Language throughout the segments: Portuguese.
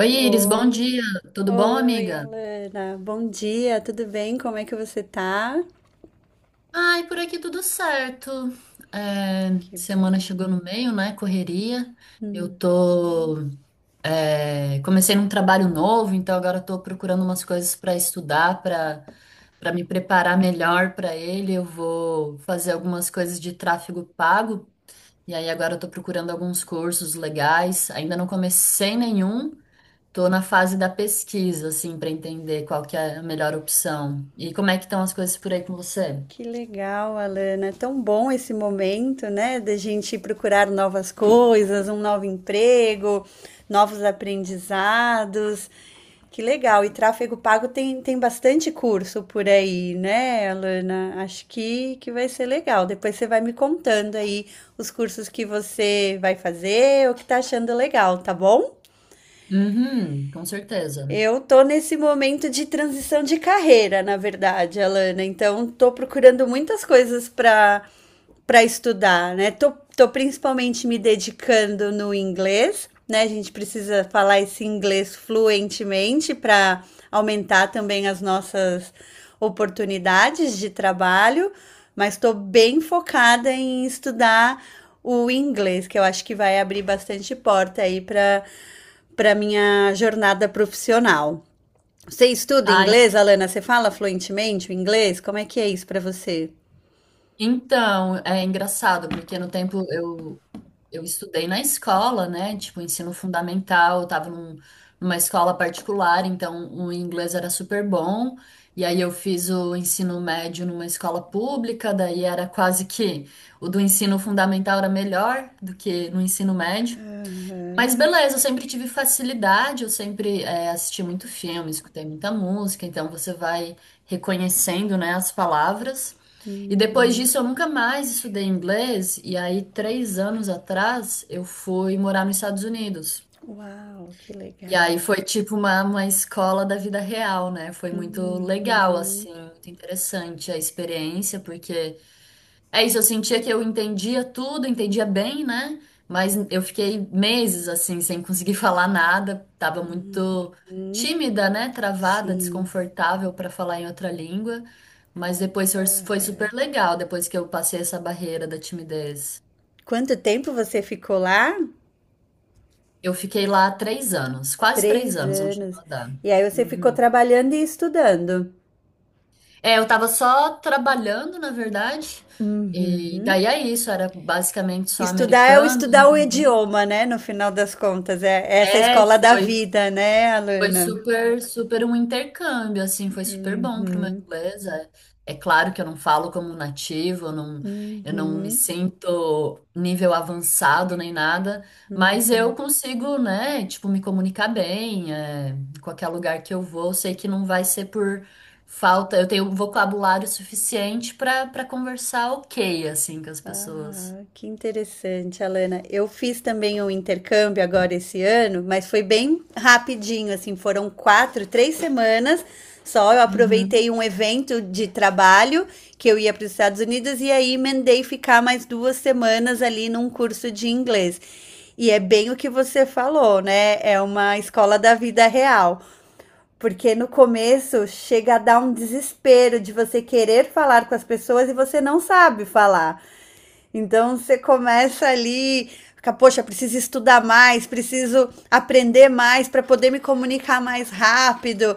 Oi, Iris, bom Oi, dia. Tudo bom, amiga? Alana. Bom dia, tudo bem? Como é que você tá? Ai, por aqui tudo certo. É, Que semana bom. chegou no meio, né? Correria. Eu tô. Comecei num trabalho novo, então agora eu tô procurando umas coisas para estudar, para me preparar melhor para ele. Eu vou fazer algumas coisas de tráfego pago. E aí agora eu tô procurando alguns cursos legais. Ainda não comecei nenhum. Tô na fase da pesquisa, assim, para entender qual que é a melhor opção. E como é que estão as coisas por aí com você? Que legal, Alana. É tão bom esse momento, né, da gente procurar novas coisas, um novo emprego, novos aprendizados. Que legal. E tráfego pago tem bastante curso por aí, né, Alana? Acho que vai ser legal. Depois você vai me contando aí os cursos que você vai fazer, o que tá achando legal, tá bom? Uhum, com certeza. Eu tô nesse momento de transição de carreira, na verdade, Alana. Então, tô procurando muitas coisas para estudar, né? Tô principalmente me dedicando no inglês, né? A gente precisa falar esse inglês fluentemente para aumentar também as nossas oportunidades de trabalho, mas estou bem focada em estudar o inglês, que eu acho que vai abrir bastante porta aí para minha jornada profissional. Você estuda Ai, inglês, Alana? Você fala fluentemente o inglês? Como é que é isso para você? então, é engraçado, porque no tempo eu estudei na escola, né? Tipo, ensino fundamental, eu tava numa escola particular, então o inglês era super bom. E aí eu fiz o ensino médio numa escola pública, daí era quase que o do ensino fundamental era melhor do que no ensino médio. Mas beleza, eu sempre tive facilidade, eu sempre assisti muito filme, escutei muita música, então você vai reconhecendo, né, as palavras. E depois disso eu nunca mais estudei inglês, e aí 3 anos atrás eu fui morar nos Estados Unidos. Uau, que E legal. aí foi tipo uma escola da vida real, né? Foi muito legal, Uhum, assim, muito interessante a experiência, porque é isso, eu sentia que eu entendia tudo, entendia bem, né? Mas eu fiquei meses assim, sem conseguir falar nada, tava muito tímida, né? Travada, sim. desconfortável para falar em outra língua. Mas depois foi super legal, depois que eu passei essa barreira da timidez. Quanto tempo você ficou lá? Eu fiquei lá 3 anos, quase três Três anos, não anos. chegou a dar. E aí você ficou Uhum. trabalhando e estudando. É, eu tava só trabalhando, na verdade. Uhum. E daí é isso, era basicamente só Estudar é o americanos, não estudar o trabalhei idioma, né? No final das contas, é essa é, escola da foi, vida, né, Foi Alana? super, super um intercâmbio, assim, foi super bom pro meu inglês. É claro que eu não falo como nativo, eu não me Uhum, sinto nível avançado nem nada, mas uhum. eu consigo, né, tipo, me comunicar bem, em qualquer lugar que eu vou, eu sei que não vai ser por falta, eu tenho vocabulário suficiente para conversar ok, assim, com as pessoas. Ah, que interessante, Alana. Eu fiz também um intercâmbio agora esse ano, mas foi bem rapidinho, assim, foram quatro, três semanas só. Eu aproveitei um Uhum. evento de trabalho que eu ia para os Estados Unidos e aí emendei ficar mais duas semanas ali num curso de inglês. E é bem o que você falou, né? É uma escola da vida real. Porque no começo chega a dar um desespero de você querer falar com as pessoas e você não sabe falar. Então você começa ali, fica, poxa, preciso estudar mais, preciso aprender mais para poder me comunicar mais rápido.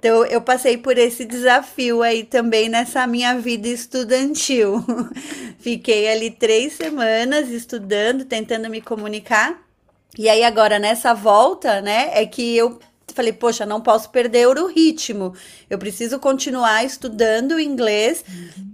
Então eu passei por esse desafio aí também nessa minha vida estudantil. Fiquei ali três semanas estudando, tentando me comunicar. E aí agora nessa volta, né, é que eu falei, poxa, não posso perder o ritmo. Eu preciso continuar estudando inglês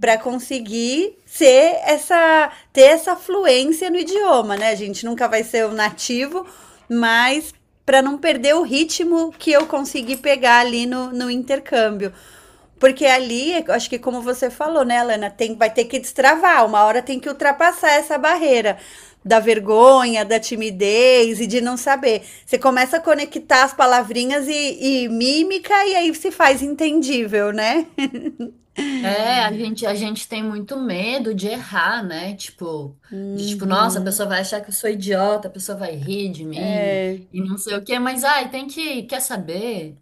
para conseguir ser essa ter essa fluência no idioma, né? A gente nunca vai ser o nativo, mas para não perder o ritmo que eu consegui pegar ali no, no intercâmbio. Porque ali, acho que como você falou, né, Lana, tem, vai ter que destravar, uma hora tem que ultrapassar essa barreira da vergonha, da timidez e de não saber. Você começa a conectar as palavrinhas e mímica e aí se faz entendível, né? É, a gente tem muito medo de errar, né? Tipo, nossa, a pessoa vai achar que eu sou idiota, a pessoa vai rir de mim e não sei o quê, mas ai, tem que, quer saber?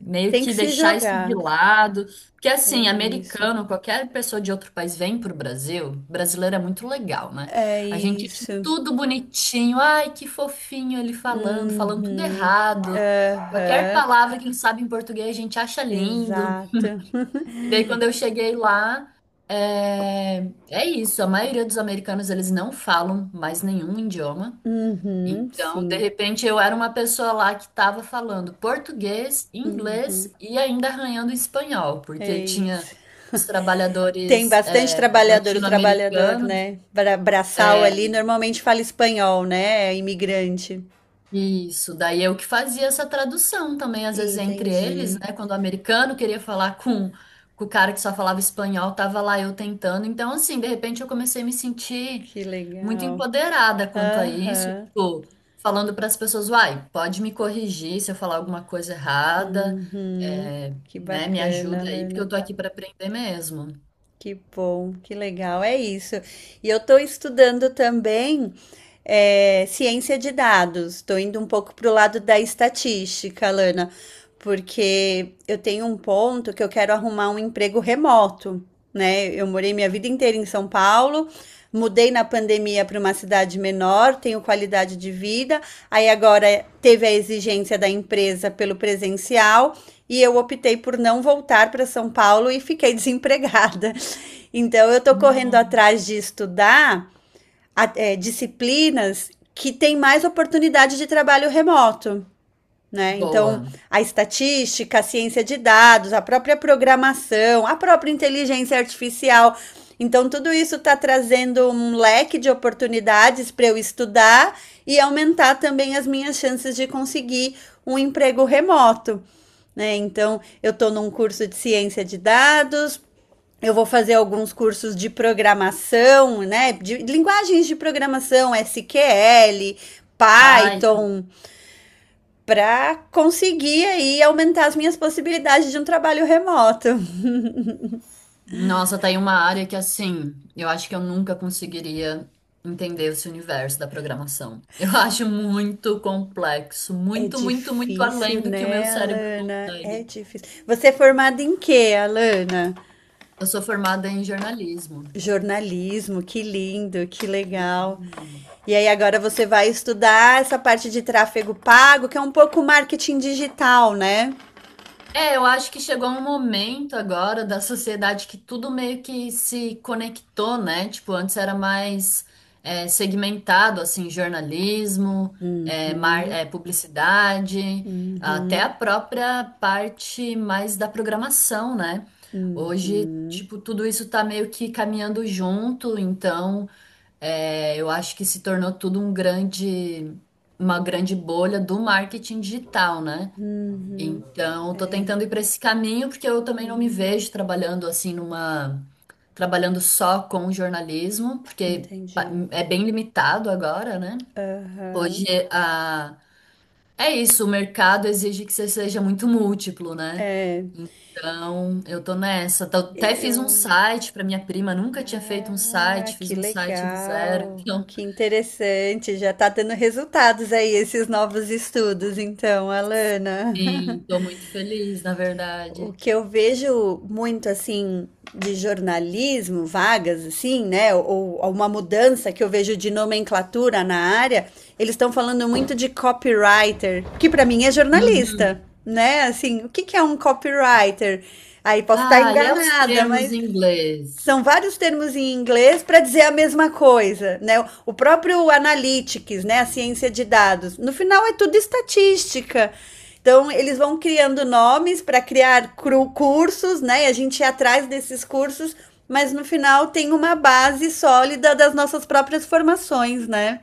Meio Tem que que se deixar isso de jogar. lado. Porque É assim, isso. americano, qualquer pessoa de outro país vem pro Brasil, brasileiro é muito legal, né? É A gente acha isso. tudo bonitinho, ai, que fofinho ele falando, falando tudo Uhum. errado. Qualquer É, palavra que ele sabe em português, a gente acha lindo. Exato. E daí, quando eu cheguei lá, é, é isso. A maioria dos americanos, eles não falam mais nenhum idioma. Uhum, Então, de sim. repente, eu era uma pessoa lá que estava falando português, inglês e ainda arranhando espanhol, porque É tinha isso. os Tem trabalhadores bastante trabalhador, o trabalhador, latino-americanos. né? Braçal ali, é, normalmente fala espanhol, né? É imigrante. Isso, daí eu que fazia essa tradução também, às vezes entre eles, Entendi. né? Quando o americano queria falar com o cara que só falava espanhol, tava lá eu tentando. Então, assim, de repente eu comecei a me sentir Que muito legal. empoderada quanto a isso, Aham. tipo, falando para as pessoas, uai, pode me corrigir se eu falar alguma coisa errada, Uhum. é, Que né? Me bacana, ajuda aí, porque eu Lana. tô aqui para aprender mesmo. Que bom, que legal, é isso. E eu estou estudando também ciência de dados, estou indo um pouco para o lado da estatística, Lana, porque eu tenho um ponto que eu quero arrumar um emprego remoto, né? Eu morei minha vida inteira em São Paulo, mudei na pandemia para uma cidade menor, tenho qualidade de vida, aí agora teve a exigência da empresa pelo presencial. E eu optei por não voltar para São Paulo e fiquei desempregada. Então eu estou correndo Não. atrás de estudar disciplinas que têm mais oportunidade de trabalho remoto. Né? Então, Boa. a estatística, a ciência de dados, a própria programação, a própria inteligência artificial. Então, tudo isso está trazendo um leque de oportunidades para eu estudar e aumentar também as minhas chances de conseguir um emprego remoto. Né? Então, eu estou num curso de ciência de dados, eu vou fazer alguns cursos de programação, né? De linguagens de programação, SQL, Vai. Python, para conseguir aí aumentar as minhas possibilidades de um trabalho remoto. Nossa, tem uma área que assim, eu acho que eu nunca conseguiria entender esse universo da programação. Eu acho muito complexo, É muito, muito, muito difícil, além do que o meu né, cérebro Alana? É consegue. difícil. Você é formada em quê, Alana? Eu sou formada em jornalismo. Jornalismo, que lindo, que legal. Hum. E aí agora você vai estudar essa parte de tráfego pago, que é um pouco marketing digital, né? É, eu acho que chegou um momento agora da sociedade que tudo meio que se conectou, né? Tipo, antes era mais segmentado, assim, jornalismo, publicidade, até a própria parte mais da programação, né? Hoje, tipo, tudo isso tá meio que caminhando junto, então eu acho que se tornou tudo uma grande bolha do marketing digital, né? Então, tô tentando ir para esse caminho porque eu também não me vejo trabalhando assim trabalhando só com jornalismo, porque Entendi. é bem limitado agora, né? Hoje Aham. a é isso, o mercado exige que você seja muito múltiplo, né? Então, eu tô nessa. Até fiz um Eu. site para minha prima, nunca tinha feito um Ah, site, fiz que um site do zero. legal. Então, Que interessante. Já está dando resultados aí esses novos estudos, então, Alana. sim, tô muito feliz, na O verdade. que eu vejo muito assim de jornalismo, vagas assim, né? Ou uma mudança que eu vejo de nomenclatura na área, eles estão falando muito de copywriter, que para mim é Uhum. jornalista, né? Assim, o que que é um copywriter? Aí posso estar Ah, e é os enganada, termos mas em inglês. são vários termos em inglês para dizer a mesma coisa, né? O próprio analytics, né, a ciência de dados, no final é tudo estatística. Então, eles vão criando nomes para criar cursos, né? E a gente ia atrás desses cursos, mas no final tem uma base sólida das nossas próprias formações, né?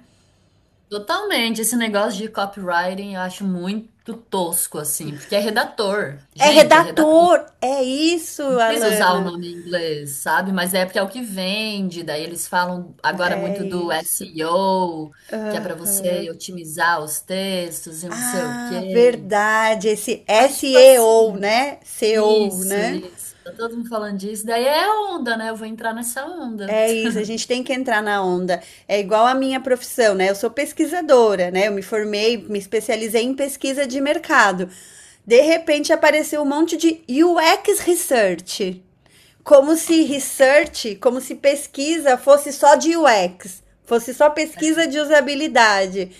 Totalmente, esse negócio de copywriting eu acho muito tosco, assim, porque é redator. É Gente, é redator. redator, é isso, Não precisa usar o Alana. nome em inglês, sabe? Mas é porque é o que vende. Daí eles falam agora É muito do isso. SEO, que é para Uhum. você otimizar os textos e não sei o Ah, quê. verdade. Esse Mas, tipo SEO, assim, né? SEO, isso, né? isso. Tá todo mundo falando disso. Daí é onda, né? Eu vou entrar nessa onda. É isso, a gente tem que entrar na onda. É igual a minha profissão, né? Eu sou pesquisadora, né? Eu me formei, me especializei em pesquisa de mercado. De repente apareceu um monte de UX Research. Como se research, como se pesquisa fosse só de UX, fosse só pesquisa de usabilidade.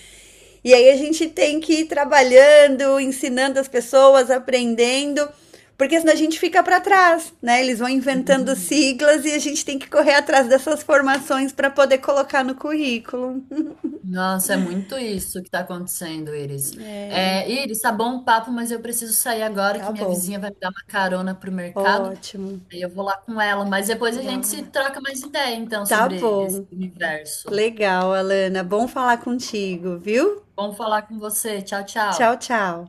E aí a gente tem que ir trabalhando, ensinando as pessoas, aprendendo, porque senão a gente fica para trás, né? Eles vão inventando Uhum. siglas e a gente tem que correr atrás dessas formações para poder colocar no currículo. Nossa, é muito isso que está acontecendo, Iris. É, Iris, tá bom o papo, mas eu preciso sair agora Tá que minha bom. vizinha vai me dar uma carona pro mercado. Ótimo. Aí eu vou lá com ela, mas depois a Legal, gente se Alana. troca mais ideia, então, Tá sobre esse bom. universo. Legal, Alana. Bom falar contigo, viu? Bom falar com você. Tchau, Tchau, tchau. tchau.